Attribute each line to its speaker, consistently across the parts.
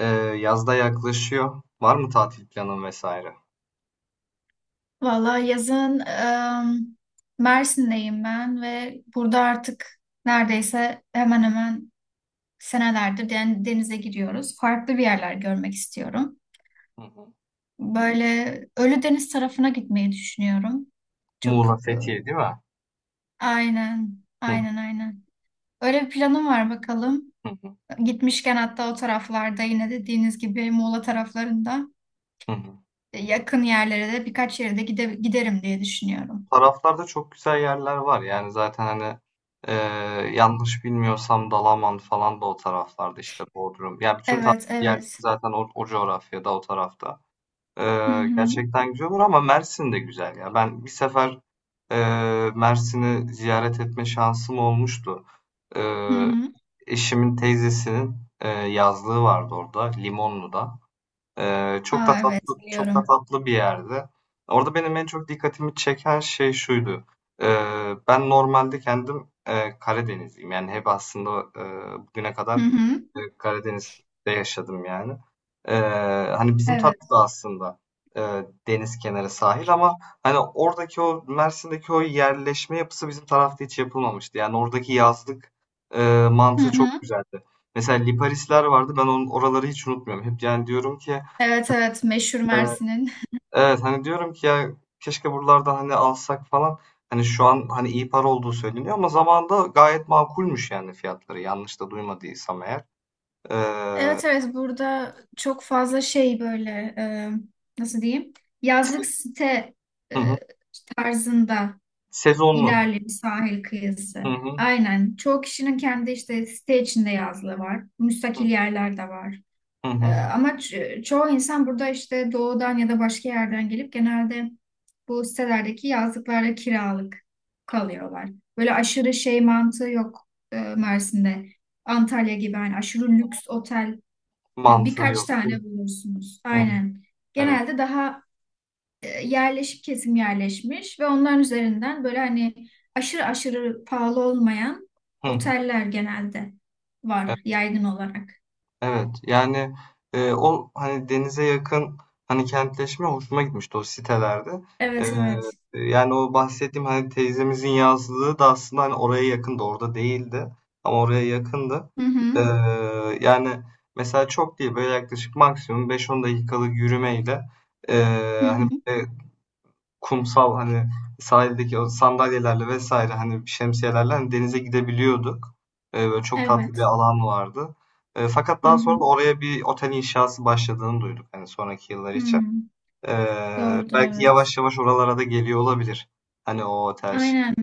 Speaker 1: Eee, yaz yaklaşıyor. Var mı tatil planın vesaire?
Speaker 2: Valla yazın Mersin'deyim ben ve burada artık neredeyse hemen hemen senelerdir denize giriyoruz. Farklı bir yerler görmek istiyorum.
Speaker 1: Hı hı.
Speaker 2: Böyle Ölüdeniz tarafına gitmeyi düşünüyorum.
Speaker 1: Muğla,
Speaker 2: Çok e,
Speaker 1: Fethiye değil mi?
Speaker 2: aynen,
Speaker 1: Hı.
Speaker 2: aynen, aynen. Öyle bir planım var bakalım.
Speaker 1: Hı hı.
Speaker 2: Gitmişken hatta o taraflarda yine dediğiniz gibi Muğla taraflarında
Speaker 1: Hı hı.
Speaker 2: yakın yerlere de birkaç yere de gide giderim diye düşünüyorum.
Speaker 1: Taraflarda çok güzel yerler var. Yani zaten hani eee, yanlış bilmiyorsam Dalaman falan da o taraflarda işte Bodrum. Yani bütün tatil
Speaker 2: Evet,
Speaker 1: yerleri
Speaker 2: evet.
Speaker 1: zaten o coğrafyada o tarafta.
Speaker 2: Hı
Speaker 1: Eee,
Speaker 2: hı.
Speaker 1: gerçekten güzel olur ama Mersin de güzel ya. Ben bir sefer Mersin'i ziyaret etme şansım olmuştu.
Speaker 2: Hı
Speaker 1: Ee,
Speaker 2: hı.
Speaker 1: Eşimin teyzesinin, yazlığı vardı orada, Limonlu'da. Çok da
Speaker 2: Aa,
Speaker 1: tatlı,
Speaker 2: evet,
Speaker 1: çok da
Speaker 2: biliyorum.
Speaker 1: tatlı bir yerde. Orada benim en çok dikkatimi çeken şey şuydu. Ben normalde kendim Karadenizliyim. Yani hep aslında e, bugüne kadar
Speaker 2: Hı hı.
Speaker 1: Karadeniz'de yaşadım yani. Ee, Hani bizim taraf
Speaker 2: Evet.
Speaker 1: da aslında e, deniz kenarı sahil ama hani oradaki o Mersin'deki o yerleşme yapısı bizim tarafta hiç yapılmamıştı. Yani oradaki yazlık
Speaker 2: Hı
Speaker 1: mantığı çok
Speaker 2: hı.
Speaker 1: güzeldi. Mesela Liparisler vardı. Ben onun oraları hiç unutmuyorum. Hep yani diyorum ki.
Speaker 2: Evet, evet, meşhur
Speaker 1: Evet,
Speaker 2: Mersin'in.
Speaker 1: evet. Hani diyorum ki, ya keşke buralarda hani alsak falan. Hani şu an hani iyi para olduğu söyleniyor ama zamanında gayet makulmüş yani fiyatları. Yanlış da duymadıysam eğer. Ee,
Speaker 2: Evet, evet, burada çok fazla şey böyle e, nasıl diyeyim? Yazlık site
Speaker 1: hı hı.
Speaker 2: e, tarzında
Speaker 1: Sezonluk.
Speaker 2: ilerli bir sahil kıyısı.
Speaker 1: Hı hı.
Speaker 2: Aynen. Çoğu kişinin kendi işte site içinde yazlığı var. Müstakil yerler de var.
Speaker 1: Hı hı.
Speaker 2: Ama çoğu insan burada işte doğudan ya da başka yerden gelip genelde bu sitelerdeki yazlıklarda kiralık kalıyorlar. Böyle aşırı şey mantığı yok Mersin'de. Antalya gibi hani aşırı lüks otel
Speaker 1: Mantığı
Speaker 2: birkaç
Speaker 1: yok değil
Speaker 2: tane
Speaker 1: mi?
Speaker 2: bulursunuz.
Speaker 1: Hı hı.
Speaker 2: Aynen.
Speaker 1: Evet.
Speaker 2: Genelde daha yerleşik kesim yerleşmiş ve onların üzerinden böyle hani aşırı aşırı pahalı olmayan
Speaker 1: Hı hı. Evet.
Speaker 2: oteller genelde var yaygın olarak.
Speaker 1: Evet yani o hani denize yakın hani kentleşme hoşuma gitmişti o sitelerde. E,
Speaker 2: Evet, evet.
Speaker 1: Yani o bahsettiğim hani teyzemizin yazlığı da aslında hani oraya yakındı orada değildi ama oraya yakındı.
Speaker 2: Hı
Speaker 1: E,
Speaker 2: hı.
Speaker 1: Yani mesela çok değil böyle yaklaşık maksimum 5-10 dakikalık yürümeyle e,
Speaker 2: Hı
Speaker 1: hani
Speaker 2: hı.
Speaker 1: kumsal hani sahildeki o sandalyelerle vesaire hani şemsiyelerle hani denize gidebiliyorduk. Böyle çok tatlı bir
Speaker 2: Evet.
Speaker 1: alan vardı. Fakat
Speaker 2: Hı
Speaker 1: daha sonra da
Speaker 2: hı.
Speaker 1: oraya bir otel inşası başladığını duyduk hani sonraki yıllar için.
Speaker 2: Hmm. Doğrudur,
Speaker 1: Belki
Speaker 2: evet.
Speaker 1: yavaş yavaş oralara da geliyor olabilir. Hani o otel şey.
Speaker 2: Aynen.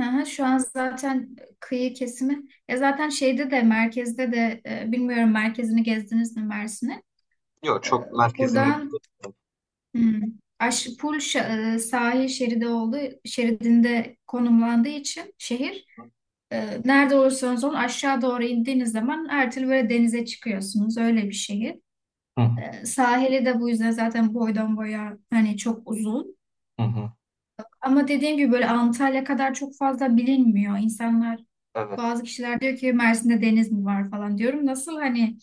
Speaker 2: Aha, şu an zaten kıyı kesimi. Ya zaten şeyde de merkezde de bilmiyorum, merkezini gezdiniz mi Mersin'in?
Speaker 1: Yok,
Speaker 2: E,
Speaker 1: çok merkezine gidiyor.
Speaker 2: Buradan hmm, sahil şeridi olduğu şeridinde konumlandığı için şehir nerede olursanız olun aşağı doğru indiğiniz zaman her türlü böyle denize çıkıyorsunuz. Öyle bir şehir.
Speaker 1: Hı hı,
Speaker 2: Sahili de bu yüzden zaten boydan boya hani çok uzun.
Speaker 1: hı hı.
Speaker 2: Ama dediğim gibi böyle Antalya kadar çok fazla bilinmiyor. İnsanlar,
Speaker 1: Evet.
Speaker 2: bazı kişiler diyor ki Mersin'de deniz mi var falan, diyorum. Nasıl hani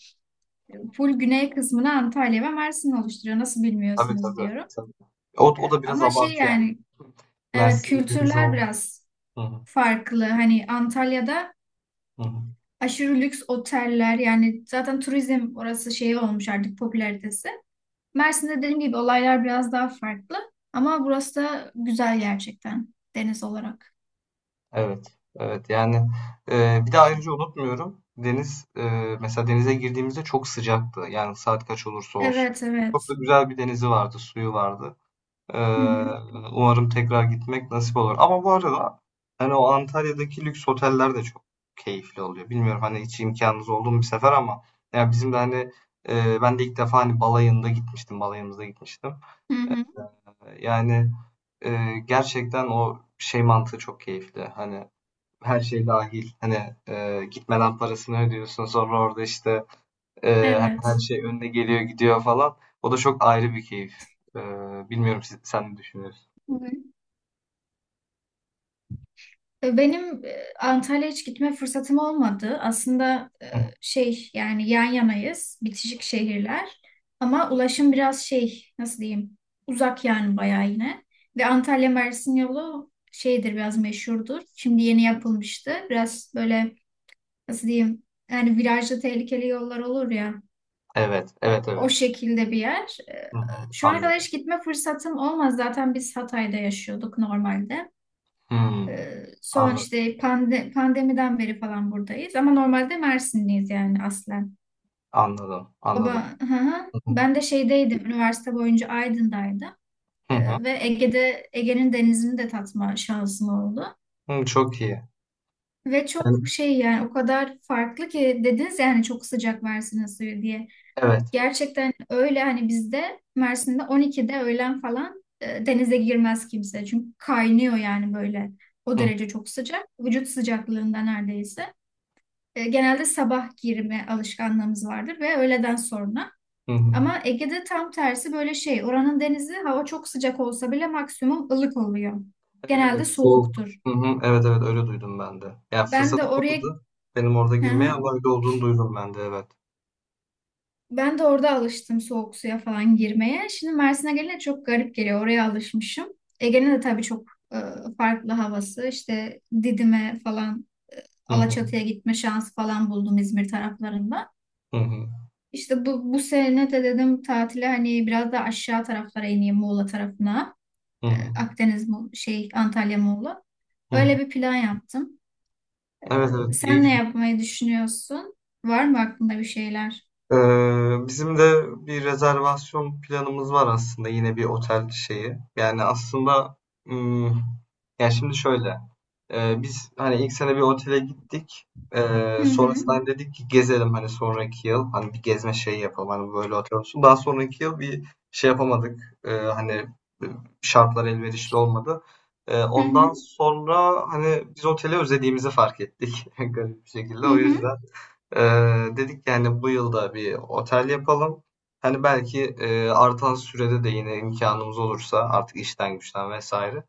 Speaker 2: full güney kısmını Antalya ve Mersin oluşturuyor. Nasıl
Speaker 1: Tabii
Speaker 2: bilmiyorsunuz
Speaker 1: tabii.
Speaker 2: diyorum.
Speaker 1: Tabii. O da biraz
Speaker 2: Ama şey
Speaker 1: abartı yani.
Speaker 2: yani evet,
Speaker 1: Mersin'de deniz
Speaker 2: kültürler
Speaker 1: ol.
Speaker 2: biraz
Speaker 1: Hı hı,
Speaker 2: farklı. Hani Antalya'da
Speaker 1: hı hı.
Speaker 2: aşırı lüks oteller yani zaten turizm orası şey olmuş artık, popülaritesi. Mersin'de dediğim gibi olaylar biraz daha farklı. Ama burası da güzel gerçekten deniz olarak.
Speaker 1: Evet, evet. Yani, bir de ayrıca unutmuyorum, deniz, mesela denize girdiğimizde çok sıcaktı. Yani saat kaç olursa olsun.
Speaker 2: Evet,
Speaker 1: Çok da
Speaker 2: evet.
Speaker 1: güzel bir denizi vardı, suyu vardı.
Speaker 2: Hı hı.
Speaker 1: Eee, Umarım tekrar gitmek nasip olur. Ama bu arada, hani, o Antalya'daki lüks oteller de çok keyifli oluyor. Bilmiyorum, hani, hiç imkanınız oldu mu bir sefer ama ya bizim de, hani, ben de ilk defa, hani, balayında gitmiştim, balayımızda gitmiştim.
Speaker 2: Hı hı.
Speaker 1: Yani, gerçekten o şey mantığı çok keyifli. Hani her şey dahil. Hani, gitmeden parasını ödüyorsun. Sonra orada, işte, hani, her
Speaker 2: Evet.
Speaker 1: şey önüne geliyor, gidiyor falan. O da çok ayrı bir keyif. Bilmiyorum, sen ne düşünüyorsun?
Speaker 2: Hı hı. Benim Antalya'ya hiç gitme fırsatım olmadı. Aslında
Speaker 1: Hı hı.
Speaker 2: şey yani yan yanayız, bitişik şehirler. Ama ulaşım biraz şey, nasıl diyeyim, uzak yani bayağı yine. Ve Antalya Mersin yolu şeydir, biraz meşhurdur. Şimdi yeni yapılmıştı. Biraz böyle, nasıl diyeyim, yani virajlı tehlikeli yollar olur ya,
Speaker 1: Evet, evet,
Speaker 2: o
Speaker 1: evet.
Speaker 2: şekilde bir yer.
Speaker 1: Hı hı,
Speaker 2: Şu ana kadar
Speaker 1: anladım.
Speaker 2: hiç gitme fırsatım olmaz. Zaten biz Hatay'da yaşıyorduk normalde.
Speaker 1: Hımm.
Speaker 2: Son
Speaker 1: Anladım,
Speaker 2: işte pandemiden beri falan buradayız. Ama normalde Mersinliyiz yani aslen.
Speaker 1: anladım, anladım.
Speaker 2: Baba, hı hı.
Speaker 1: Hı hı.
Speaker 2: Ben de şeydeydim, üniversite boyunca Aydın'daydım.
Speaker 1: Hı hı.
Speaker 2: Ve Ege'de, Ege'nin denizini de tatma şansım oldu.
Speaker 1: Çok iyi.
Speaker 2: Ve çok
Speaker 1: Yani.
Speaker 2: şey yani, o kadar farklı ki, dediniz yani çok sıcak Mersin'in suyu diye.
Speaker 1: Evet.
Speaker 2: Gerçekten öyle, hani bizde Mersin'de 12'de, öğlen falan, denize girmez kimse. Çünkü kaynıyor yani böyle. O
Speaker 1: Hı.
Speaker 2: derece çok sıcak. Vücut sıcaklığında neredeyse. Genelde sabah girme alışkanlığımız vardır ve öğleden sonra.
Speaker 1: Hı hı.
Speaker 2: Ama Ege'de tam tersi böyle şey. Oranın denizi, hava çok sıcak olsa bile maksimum ılık oluyor.
Speaker 1: Evet, evet.
Speaker 2: Genelde
Speaker 1: Soğuk.
Speaker 2: soğuktur.
Speaker 1: Hı hı. Evet, evet. Öyle duydum ben de. Ya,
Speaker 2: Ben de
Speaker 1: fırsatım
Speaker 2: oraya.
Speaker 1: olmadı benim orada
Speaker 2: Hı
Speaker 1: girmeye
Speaker 2: hı.
Speaker 1: ama öyle olduğunu duydum ben de, evet.
Speaker 2: Ben de orada alıştım soğuk suya falan girmeye. Şimdi Mersin'e gelince çok garip geliyor. Oraya alışmışım. Ege'nin de tabii çok farklı havası. İşte Didim'e falan,
Speaker 1: Hı hı.
Speaker 2: Alaçatı'ya gitme şansı falan buldum İzmir taraflarında.
Speaker 1: Hı hı.
Speaker 2: İşte bu sene de dedim tatile hani biraz da aşağı taraflara ineyim Muğla tarafına.
Speaker 1: Hı hı.
Speaker 2: Akdeniz, şey Antalya, Muğla.
Speaker 1: Hı hı.
Speaker 2: Öyle bir plan yaptım.
Speaker 1: Evet, evet. iyi.
Speaker 2: Sen ne yapmayı düşünüyorsun? Var mı aklında bir şeyler?
Speaker 1: Bizim de bir rezervasyon planımız var aslında yine bir otel şeyi. Yani aslında, hmm, yani şimdi şöyle. Biz hani ilk sene bir otele gittik.
Speaker 2: Hı hı,
Speaker 1: Sonrasında hani dedik ki gezelim hani sonraki yıl hani bir gezme şeyi yapalım hani böyle otel olsun. Daha sonraki yıl bir şey yapamadık. Hani şartlar elverişli olmadı.
Speaker 2: hı
Speaker 1: Ondan
Speaker 2: hı,
Speaker 1: sonra hani biz oteli özlediğimizi fark ettik garip bir şekilde.
Speaker 2: hı
Speaker 1: O
Speaker 2: hı.
Speaker 1: yüzden. Dedik yani bu yılda bir otel yapalım. Hani belki artan sürede de yine imkanımız olursa artık işten güçten vesaire.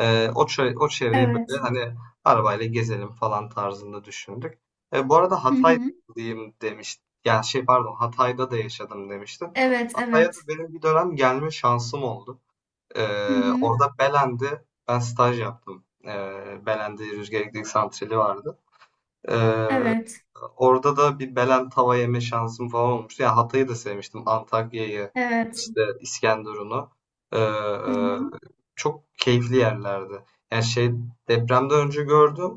Speaker 1: O çevreyi böyle
Speaker 2: Evet.
Speaker 1: hani arabayla gezelim falan tarzında düşündük. Bu arada
Speaker 2: Hı hı.
Speaker 1: Hatay'dayım demiştim. Yani şey pardon, Hatay'da da yaşadım demiştim.
Speaker 2: Evet,
Speaker 1: Hatay'a
Speaker 2: evet.
Speaker 1: da benim bir dönem gelme şansım oldu.
Speaker 2: Hı hı.
Speaker 1: Orada Belen'de ben staj yaptım. Belen'de rüzgar elektrik santrali vardı. Ee,
Speaker 2: Evet,
Speaker 1: Orada da bir Belen tava yeme şansım falan olmuştu. Ya Hatay'ı da sevmiştim. Antakya'yı,
Speaker 2: evet.
Speaker 1: işte İskenderun'u. Ee,
Speaker 2: Hı hı.
Speaker 1: e, Çok keyifli yerlerdi. Yani şey depremden önce gördüm.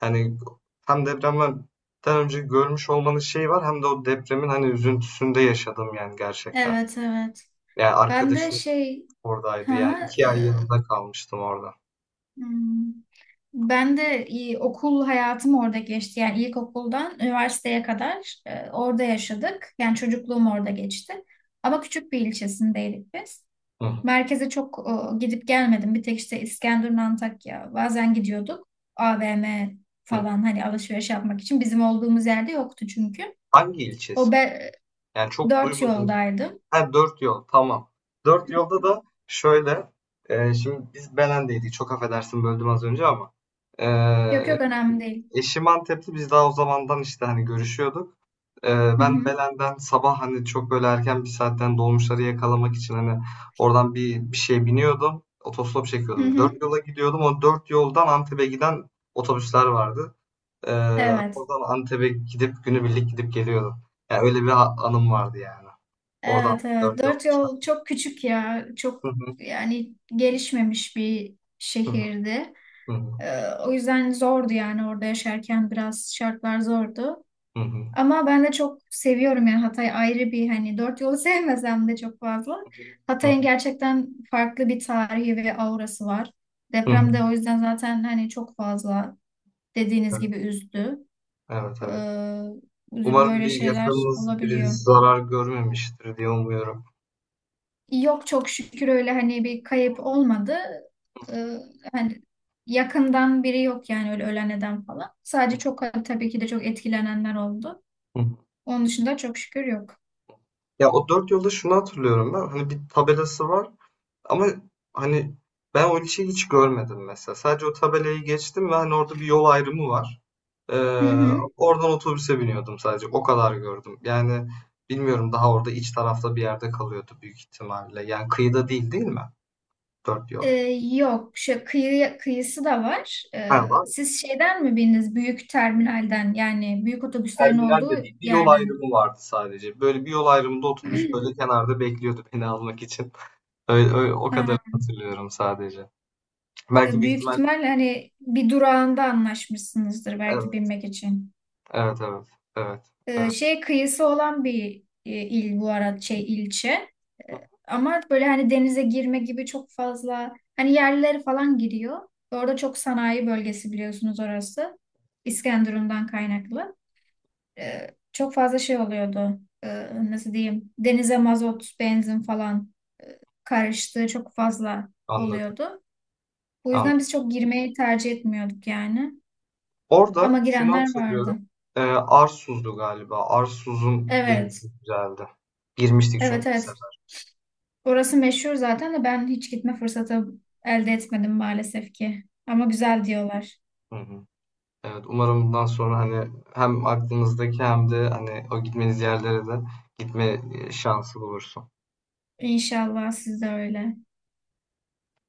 Speaker 1: Hani hem depremden önce görmüş olmanın şeyi var hem de o depremin hani üzüntüsünde yaşadım yani gerçekten.
Speaker 2: Evet, evet.
Speaker 1: Yani
Speaker 2: Ben de
Speaker 1: arkadaşım
Speaker 2: şey,
Speaker 1: oradaydı yani
Speaker 2: ha,
Speaker 1: 2 ay yanında kalmıştım orada.
Speaker 2: hmm. Ben de okul hayatım orada geçti. Yani ilkokuldan üniversiteye kadar orada yaşadık. Yani çocukluğum orada geçti. Ama küçük bir ilçesindeydik biz.
Speaker 1: Hı hı,
Speaker 2: Merkeze çok gidip gelmedim. Bir tek işte İskenderun, Antakya. Bazen gidiyorduk. AVM
Speaker 1: hı hı.
Speaker 2: falan hani alışveriş yapmak için. Bizim olduğumuz yerde yoktu çünkü.
Speaker 1: Hangi
Speaker 2: O
Speaker 1: ilçesi?
Speaker 2: be,
Speaker 1: Yani çok
Speaker 2: dört
Speaker 1: duymadım.
Speaker 2: yoldaydım.
Speaker 1: Ha, Dört yol. Tamam. Dört yolda da şöyle. Şimdi biz Belen'deydik. Çok affedersin, böldüm az önce ama. E,
Speaker 2: Yok yok, önemli değil.
Speaker 1: eşim Antep'ti. Biz daha o zamandan işte hani görüşüyorduk. E,
Speaker 2: Hı
Speaker 1: Ben
Speaker 2: hı.
Speaker 1: Belen'den sabah hani çok böyle erken bir saatten dolmuşları yakalamak için hani oradan bir şey biniyordum. Otostop
Speaker 2: Hı
Speaker 1: çekiyordum. Dört
Speaker 2: hı.
Speaker 1: yola gidiyordum. O Dört yoldan Antep'e giden otobüsler vardı. E,
Speaker 2: Evet.
Speaker 1: Oradan Antep'e gidip günübirlik gidip geliyordum. Yani öyle bir anım vardı yani. Oradan
Speaker 2: Evet, evet.
Speaker 1: Dört yol.
Speaker 2: Dört yol çok küçük ya. Çok
Speaker 1: Hı hı.
Speaker 2: yani gelişmemiş bir
Speaker 1: Hı
Speaker 2: şehirdi.
Speaker 1: hı.
Speaker 2: Ee, O yüzden zordu yani, orada yaşarken biraz şartlar zordu.
Speaker 1: Hı hı.
Speaker 2: Ama ben de çok seviyorum yani, Hatay ayrı bir, hani dört yolu sevmesem de çok fazla.
Speaker 1: Hı
Speaker 2: Hatay'ın
Speaker 1: hı.
Speaker 2: gerçekten farklı bir tarihi ve aurası var.
Speaker 1: Hı hı.
Speaker 2: Deprem
Speaker 1: Hı.
Speaker 2: de o yüzden zaten hani çok fazla, dediğiniz
Speaker 1: Evet,
Speaker 2: gibi üzdü.
Speaker 1: evet,
Speaker 2: Ee,
Speaker 1: evet. Umarım
Speaker 2: Böyle
Speaker 1: bir
Speaker 2: şeyler
Speaker 1: yakınınız biri
Speaker 2: olabiliyor.
Speaker 1: zarar görmemiştir diye umuyorum.
Speaker 2: Yok çok şükür, öyle hani bir kayıp olmadı. Ee, Hani yakından biri yok yani, öyle ölen eden falan.
Speaker 1: Hı
Speaker 2: Sadece çok, tabii ki de çok etkilenenler oldu.
Speaker 1: hı.
Speaker 2: Onun dışında çok şükür yok.
Speaker 1: Ya o Dört yolda şunu hatırlıyorum ben. Hani bir tabelası var ama hani ben o ilçeyi hiç görmedim mesela. Sadece o tabelayı geçtim ve hani orada bir yol ayrımı var. Ee,
Speaker 2: Hı hı.
Speaker 1: Oradan otobüse biniyordum sadece. O kadar gördüm. Yani bilmiyorum, daha orada iç tarafta bir yerde kalıyordu büyük ihtimalle. Yani kıyıda değil, değil mi? Dört yol.
Speaker 2: Ee, Yok şu kıyısı da var.
Speaker 1: Ha, var,
Speaker 2: Siz şeyden mi bindiniz? Büyük terminalden yani, büyük otobüslerin
Speaker 1: terminal de
Speaker 2: olduğu
Speaker 1: değildi. Yol
Speaker 2: yerden.
Speaker 1: ayrımı vardı sadece. Böyle bir yol ayrımında otobüs böyle kenarda bekliyordu beni almak için. Öyle, o
Speaker 2: Ha,
Speaker 1: kadar hatırlıyorum sadece. Belki büyük
Speaker 2: büyük
Speaker 1: ihtimal.
Speaker 2: ihtimalle hani bir durağında anlaşmışsınızdır belki
Speaker 1: Evet,
Speaker 2: binmek için.
Speaker 1: evet, evet, evet, evet.
Speaker 2: Şey kıyısı olan bir il, bu arada şey ilçe.
Speaker 1: Hı,
Speaker 2: Ama böyle hani denize girme gibi çok fazla hani yerlileri falan giriyor. Orada çok sanayi bölgesi biliyorsunuz orası. İskenderun'dan kaynaklı. Çok fazla şey oluyordu. Nasıl diyeyim? Denize mazot, benzin falan karıştığı çok fazla
Speaker 1: anladım,
Speaker 2: oluyordu. Bu
Speaker 1: anladım.
Speaker 2: yüzden biz çok girmeyi tercih etmiyorduk yani.
Speaker 1: Orada
Speaker 2: Ama
Speaker 1: şunu
Speaker 2: girenler
Speaker 1: hatırlıyorum.
Speaker 2: vardı.
Speaker 1: Arsuz'du galiba. Arsuz'un denizi
Speaker 2: Evet.
Speaker 1: güzeldi. Girmiştik çünkü
Speaker 2: Evet,
Speaker 1: bir
Speaker 2: evet.
Speaker 1: sefer.
Speaker 2: Orası meşhur zaten de ben hiç gitme fırsatı elde etmedim maalesef ki. Ama güzel diyorlar.
Speaker 1: Hı hı. Evet, umarım bundan sonra hani hem aklınızdaki hem de hani o gitmeniz yerlere de gitme şansı bulursunuz.
Speaker 2: İnşallah siz de öyle.